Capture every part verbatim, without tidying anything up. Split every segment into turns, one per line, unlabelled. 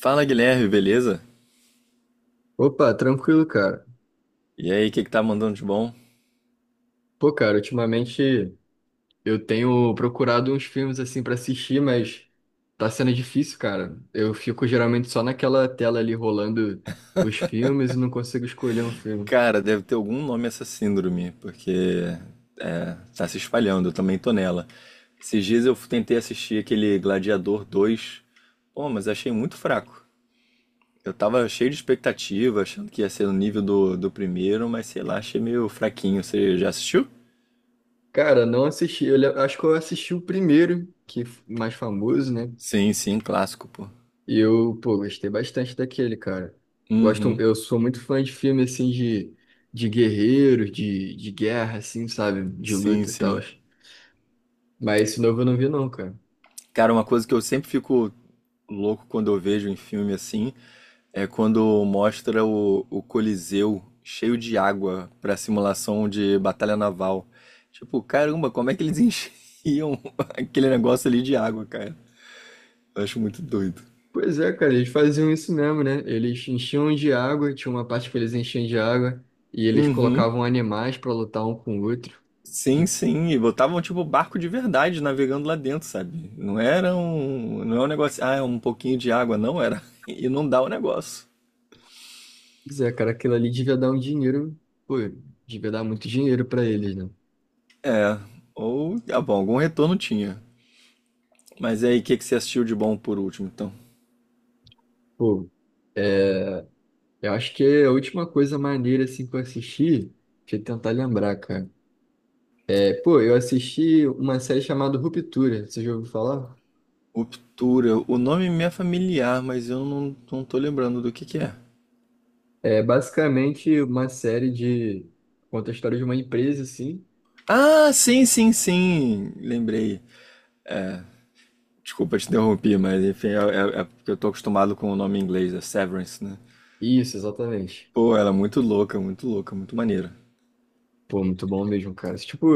Fala Guilherme, beleza?
Opa, tranquilo, cara.
E aí, o que que tá mandando de bom?
Pô, cara, ultimamente eu tenho procurado uns filmes assim pra assistir, mas tá sendo difícil, cara. Eu fico geralmente só naquela tela ali rolando os filmes e não consigo escolher um filme.
Cara, deve ter algum nome essa síndrome, porque é, tá se espalhando, eu também tô nela. Esses dias eu tentei assistir aquele Gladiador dois. Pô, mas achei muito fraco. Eu tava cheio de expectativa, achando que ia ser no nível do, do primeiro, mas sei lá, achei meio fraquinho. Você já assistiu?
Cara, não assisti. Eu le- acho que eu assisti o primeiro, que f- mais famoso, né?
Sim, sim, clássico, pô.
E eu, pô, gostei bastante daquele, cara. Gosto,
Uhum.
eu sou muito fã de filme assim de, de guerreiros, de, de guerra, assim, sabe? De
Sim,
luta e tal.
sim.
Mas esse novo eu não vi, não, cara.
Cara, uma coisa que eu sempre fico louco quando eu vejo em filme assim é quando mostra o, o Coliseu cheio de água pra simulação de batalha naval. Tipo, caramba, como é que eles enchiam aquele negócio ali de água, cara? Eu acho muito doido.
Pois é, cara, eles faziam isso mesmo, né? Eles enchiam de água, tinha uma parte que eles enchiam de água e eles
Uhum.
colocavam animais pra lutar um com o outro.
Sim,
De-
sim, e botavam tipo barco de verdade navegando lá dentro, sabe? Não era um, não é um negócio, ah, é um pouquinho de água, não era. E não dá o negócio.
Pois é, cara, aquilo ali devia dar um dinheiro, pô, devia dar muito dinheiro pra eles, né?
É, ou, ah, bom, algum retorno tinha. Mas e aí, o que que você assistiu de bom por último, então?
Pô, é, eu acho que é a última coisa maneira assim que eu assisti, deixa eu tentar lembrar, cara. É, pô, eu assisti uma série chamada Ruptura, você já ouviu falar?
Ruptura. O nome me é familiar, mas eu não, não tô lembrando do que que é.
É basicamente uma série de conta a história de uma empresa, assim.
Ah, sim, sim, sim. Lembrei. Desculpa te interromper, mas enfim, é, é- é porque eu tô acostumado com o nome em inglês, é Severance, né?
Isso, exatamente.
Pô, ela é muito louca, muito louca, muito maneira.
Pô, muito bom mesmo, cara. Tipo,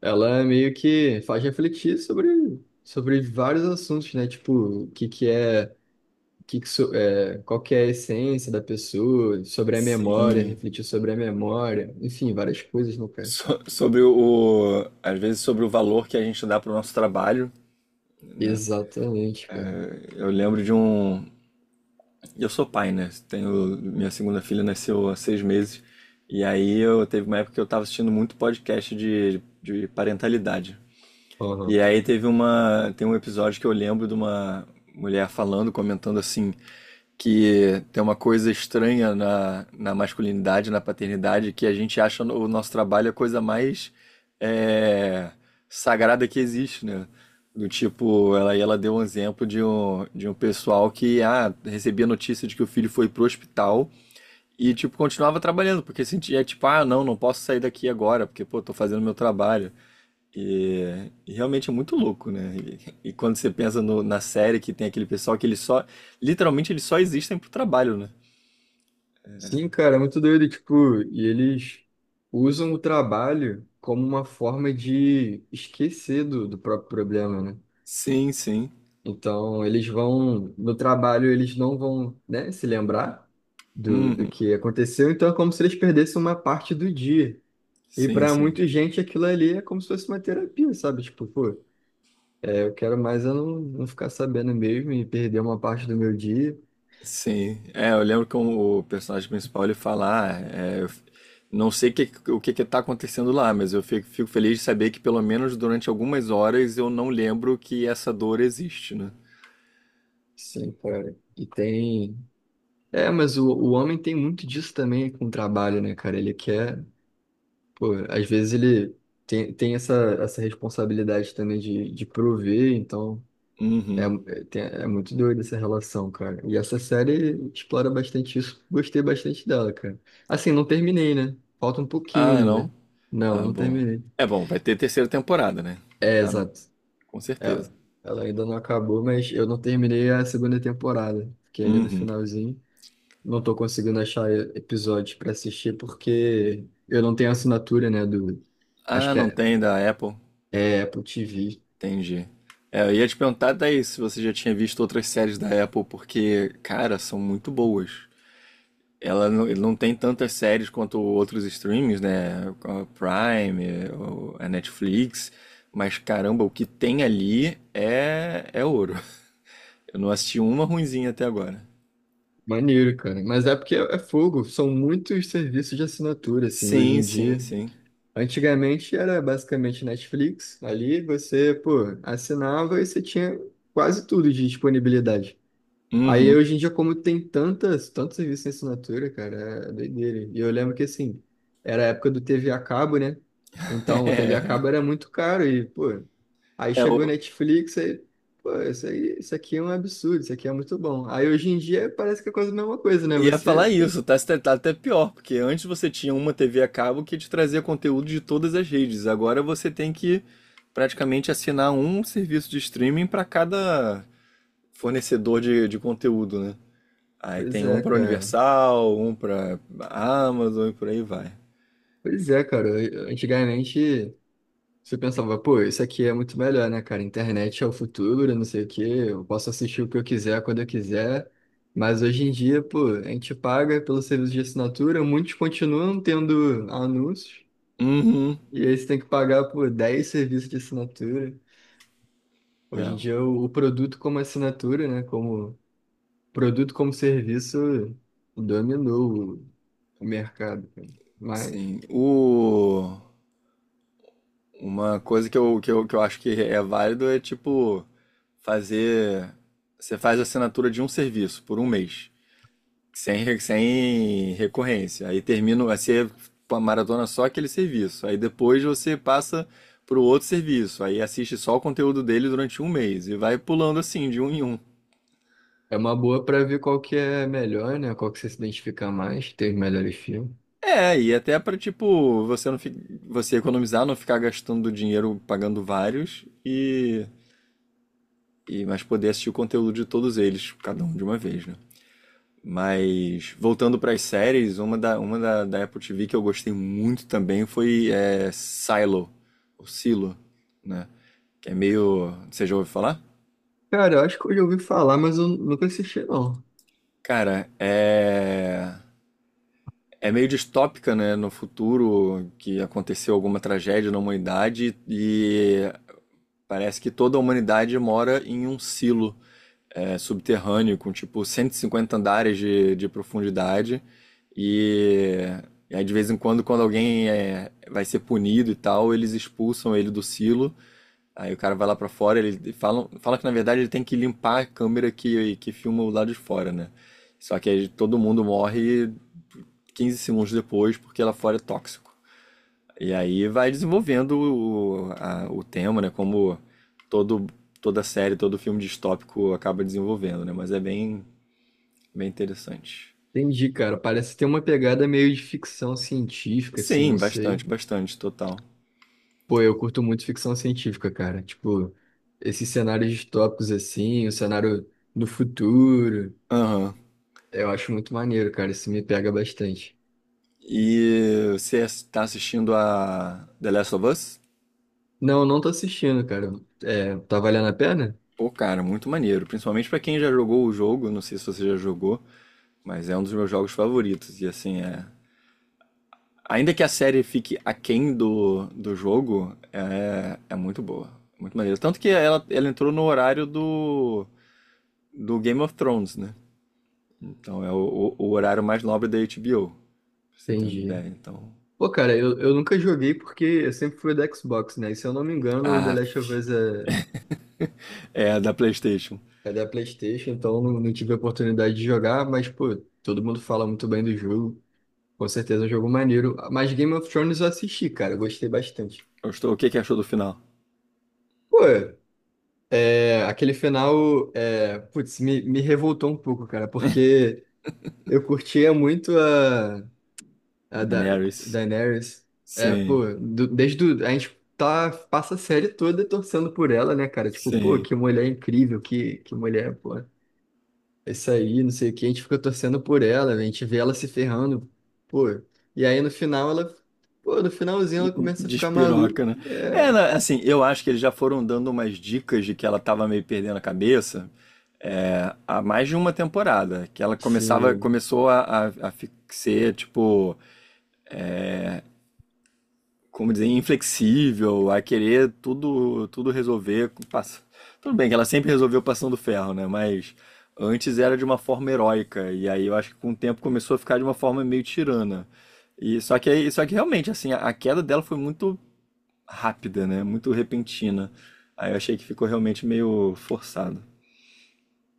ela meio que faz refletir sobre, sobre vários assuntos, né? Tipo, o que que é, o que que so- é, qual que é a essência da pessoa, sobre a memória,
Sim.
refletir sobre a memória, enfim, várias coisas, né, cara?
So- sobre o, às vezes sobre o valor que a gente dá pro nosso trabalho, né?
Exatamente, cara.
Eu lembro de um. E eu sou pai, né? Tenho, minha segunda filha nasceu há seis meses. E aí eu teve uma época que eu tava assistindo muito podcast de, de parentalidade. E
Aham.
aí teve uma, tem um episódio que eu lembro de uma mulher falando, comentando assim, que tem uma coisa estranha na, na masculinidade, na paternidade, que a gente acha no- o nosso trabalho a coisa mais, é, sagrada que existe, né? Do tipo, ela, e ela deu um exemplo de um, de um pessoal que ah, recebia notícia de que o filho foi pro hospital e, tipo, continuava trabalhando, porque sentia, tipo, ah, não, não posso sair daqui agora, porque, pô, tô fazendo meu trabalho. E, e realmente é muito louco, né? E, e quando você pensa no- na série que tem aquele pessoal que eles só, literalmente eles só existem pro trabalho, né?
Sim, cara, é muito doido, tipo, e eles usam o trabalho como uma forma de esquecer do, do próprio problema, né?
Sim, sim.
Então, eles vão, no trabalho, eles não vão, né, se lembrar do, do
Uhum.
que aconteceu. Então, é como se eles perdessem uma parte do dia. E
Sim,
para
sim.
muita gente, aquilo ali é como se fosse uma terapia, sabe? Tipo, pô, é, eu quero mais eu não, não ficar sabendo mesmo e perder uma parte do meu dia.
Sim. É, eu lembro que o personagem principal ele fala, ah, é, eu f- não sei que- o que que tá acontecendo lá, mas eu fico, fico feliz de saber que pelo menos durante algumas horas eu não lembro que essa dor existe, né?
Sim, cara. E tem. É, mas o, o homem tem muito disso também com o trabalho, né, cara? Ele quer. Pô, às vezes ele tem, tem essa, essa, responsabilidade também de, de prover, então. É,
Uhum.
é tem- é muito doida essa relação, cara. E essa série explora bastante isso. Gostei bastante dela, cara. Assim, não terminei, né? Falta um pouquinho
Ah, não?
ainda. Não,
Ah,
não
bom.
terminei.
É bom, vai ter terceira temporada, né?
É,
Tá,
exato.
com
É,
certeza.
ela ainda não acabou, mas eu não terminei a segunda temporada. Fiquei ali no
Uhum.
finalzinho. Não tô conseguindo achar e- episódios pra assistir porque eu não tenho assinatura, né, do. Acho
Ah,
que
não
é,
tem da Apple.
é Apple T V.
Entendi. É, eu ia te perguntar daí se você já tinha visto outras séries da Apple, porque, cara, são muito boas. Ela não, ele não tem tantas séries quanto outros streams, né? A Prime, eh, o- a Netflix. Mas caramba, o que tem ali é, é ouro. Eu não assisti uma ruinzinha até agora.
Maneiro, cara. Mas é porque é é fogo. São muitos serviços de assinatura, assim, hoje
Sim,
em
sim,
dia.
sim.
Antigamente era basicamente Netflix, ali você, pô, assinava e você tinha quase tudo de disponibilidade. Aí
Uhum.
hoje em dia, como tem tantas, tantos serviços em assinatura, cara, é doideira. E eu lembro que assim, era a época do T V a cabo, né? Então, o T V a cabo era muito caro e, pô, aí
É,
chegou
o-
Netflix, aí, pô, isso aí, isso aqui é um absurdo, isso aqui é muito bom. Aí hoje em dia parece que é quase a mesma coisa, né?
Ia falar
Você,
isso. tá Tá até pior, porque antes você tinha uma T V a cabo que te trazia conteúdo de todas as redes. Agora você tem que praticamente assinar um serviço de streaming para cada fornecedor de, de conteúdo, né? Aí
pois
tem um
é,
para
cara.
Universal, um para Amazon e por aí vai.
Pois é, cara. Antigamente. Você pensava, pô, isso aqui é muito melhor, né, cara? Internet é o futuro, não sei o quê, eu posso assistir o que eu quiser quando eu quiser. Mas hoje em dia, pô, a gente paga pelo serviço de assinatura, muitos continuam tendo anúncios,
Uhum.
e aí você tem que pagar por dez serviços de assinatura. Hoje em
É,
dia, o o produto como assinatura, né, como produto como serviço, dominou o o mercado, cara. Mas
sim. O... Uma coisa que eu, que eu, que eu acho que é válido é tipo fazer. Você faz a assinatura de um serviço por um mês. Sem, re- sem recorrência. Aí termina, vai ser uma maratona só aquele serviço. Aí depois você passa para o outro serviço. Aí assiste só o conteúdo dele durante um mês e vai pulando assim, de um em um.
é uma boa pra ver qual que é melhor, né, qual que você se identifica mais, tem os melhores filmes.
É, e até para tipo, você não fi- você economizar, não ficar gastando dinheiro pagando vários e, e mas poder assistir o conteúdo de todos eles, cada um de uma vez, né? Mas voltando para as séries, uma da, uma da, da Apple T V que eu gostei muito também foi, é, Silo, ou Silo, né? Que é meio. Você já ouviu falar?
Cara, eu acho que eu já ouvi falar, mas eu nunca assisti, não.
Cara, é. É meio distópica, né? No futuro que aconteceu alguma tragédia na humanidade e parece que toda a humanidade mora em um silo. É, subterrâneo, com tipo cento e cinquenta andares de, de profundidade. E, e aí, de vez em quando, quando alguém é, vai ser punido e tal, eles expulsam ele do silo. Aí o cara vai lá pra fora, ele fala, fala que na verdade ele tem que limpar a câmera que, que filma o lado de fora, né? Só que aí todo mundo morre quinze segundos depois porque lá fora é tóxico. E aí vai desenvolvendo o, a- o tema, né? Como todo, toda série, todo filme distópico acaba desenvolvendo, né? Mas é bem, bem interessante.
Entendi, cara. Parece ter uma pegada meio de ficção científica, assim,
Sim,
não sei.
bastante, bastante, total.
Pô, eu curto muito ficção científica, cara. Tipo, esses cenários distópicos, assim, o cenário do futuro.
Aham.
Eu acho muito maneiro, cara. Isso me pega bastante.
E você está assistindo a The Last of Us?
Não, não tô assistindo, cara. É, tá valendo a pena?
Pô, cara, muito maneiro. Principalmente pra quem já jogou o jogo, não sei se você já jogou, mas é um dos meus jogos favoritos. E assim, é, ainda que a série fique aquém do, do jogo, é, é muito boa. Muito maneira. Tanto que ela, ela entrou no horário do, do Game of Thrones, né? Então é o, o- o horário mais nobre da H B O. Pra você ter uma
Entendi.
ideia, então.
Pô, cara, eu, eu nunca joguei porque eu sempre fui do Xbox, né? E se eu não me engano, o The
Ah,
Last of Us é
é da PlayStation.
é da PlayStation, então não, não tive a oportunidade de jogar, mas, pô, todo mundo fala muito bem do jogo. Com certeza é um jogo maneiro. Mas Game of Thrones eu assisti, cara, eu gostei bastante.
Gostou? O que, que achou do final?
Pô, é, aquele final, é, putz, me, me revoltou um pouco, cara, porque eu curtia muito a, a, da,
Daenerys.
Daenerys. É,
Sim,
pô, do- desde o, a gente tá, passa a série toda torcendo por ela, né, cara? Tipo, pô,
sim.
que mulher incrível, que, que mulher, pô. É isso aí, não sei o que, a gente fica torcendo por ela, a gente vê ela se ferrando, pô. E aí no final ela, pô, no finalzinho ela começa a ficar maluca.
Despiroca, né? É,
É,
assim, eu acho que eles já foram dando umas dicas de que ela tava meio perdendo a cabeça. É, há mais de uma temporada, que ela começava,
sim.
começou a, a, a fi- ser, tipo, como dizer, inflexível, a querer tudo, tudo resolver. com pass- Tudo bem que ela sempre resolveu passando ferro, né? Mas antes era de uma forma heróica, e aí eu acho que com o tempo começou a ficar de uma forma meio tirana. E só que, aí- só que realmente, assim, a, a queda dela foi muito rápida, né? Muito repentina. Aí eu achei que ficou realmente meio forçado.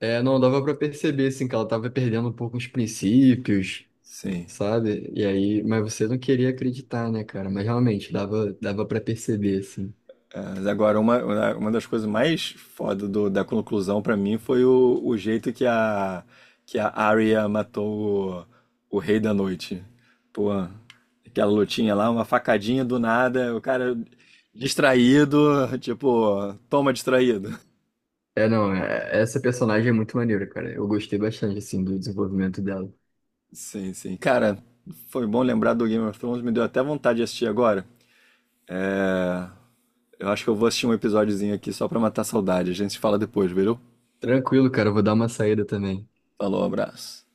É, não dava pra perceber, assim, que ela tava perdendo um pouco os princípios,
Sim.
sabe? E aí, mas você não queria acreditar, né, cara? Mas realmente dava, dava para perceber, assim.
É, mas agora, uma, uma das coisas mais foda do- da conclusão pra mim foi o, o jeito que a, que a Arya matou o, o Rei da Noite. Pô, aquela lutinha lá, uma facadinha do nada, o cara distraído, tipo, toma distraído.
É, não, é- essa personagem é muito maneira, cara. Eu gostei bastante, assim, do desenvolvimento dela.
Sim, sim. Cara, foi bom lembrar do Game of Thrones, me deu até vontade de assistir agora. É, eu acho que eu vou assistir um episódiozinho aqui só pra matar a saudade. A gente se fala depois, viu?
Tranquilo, cara, eu vou dar uma saída também.
Falou, abraço.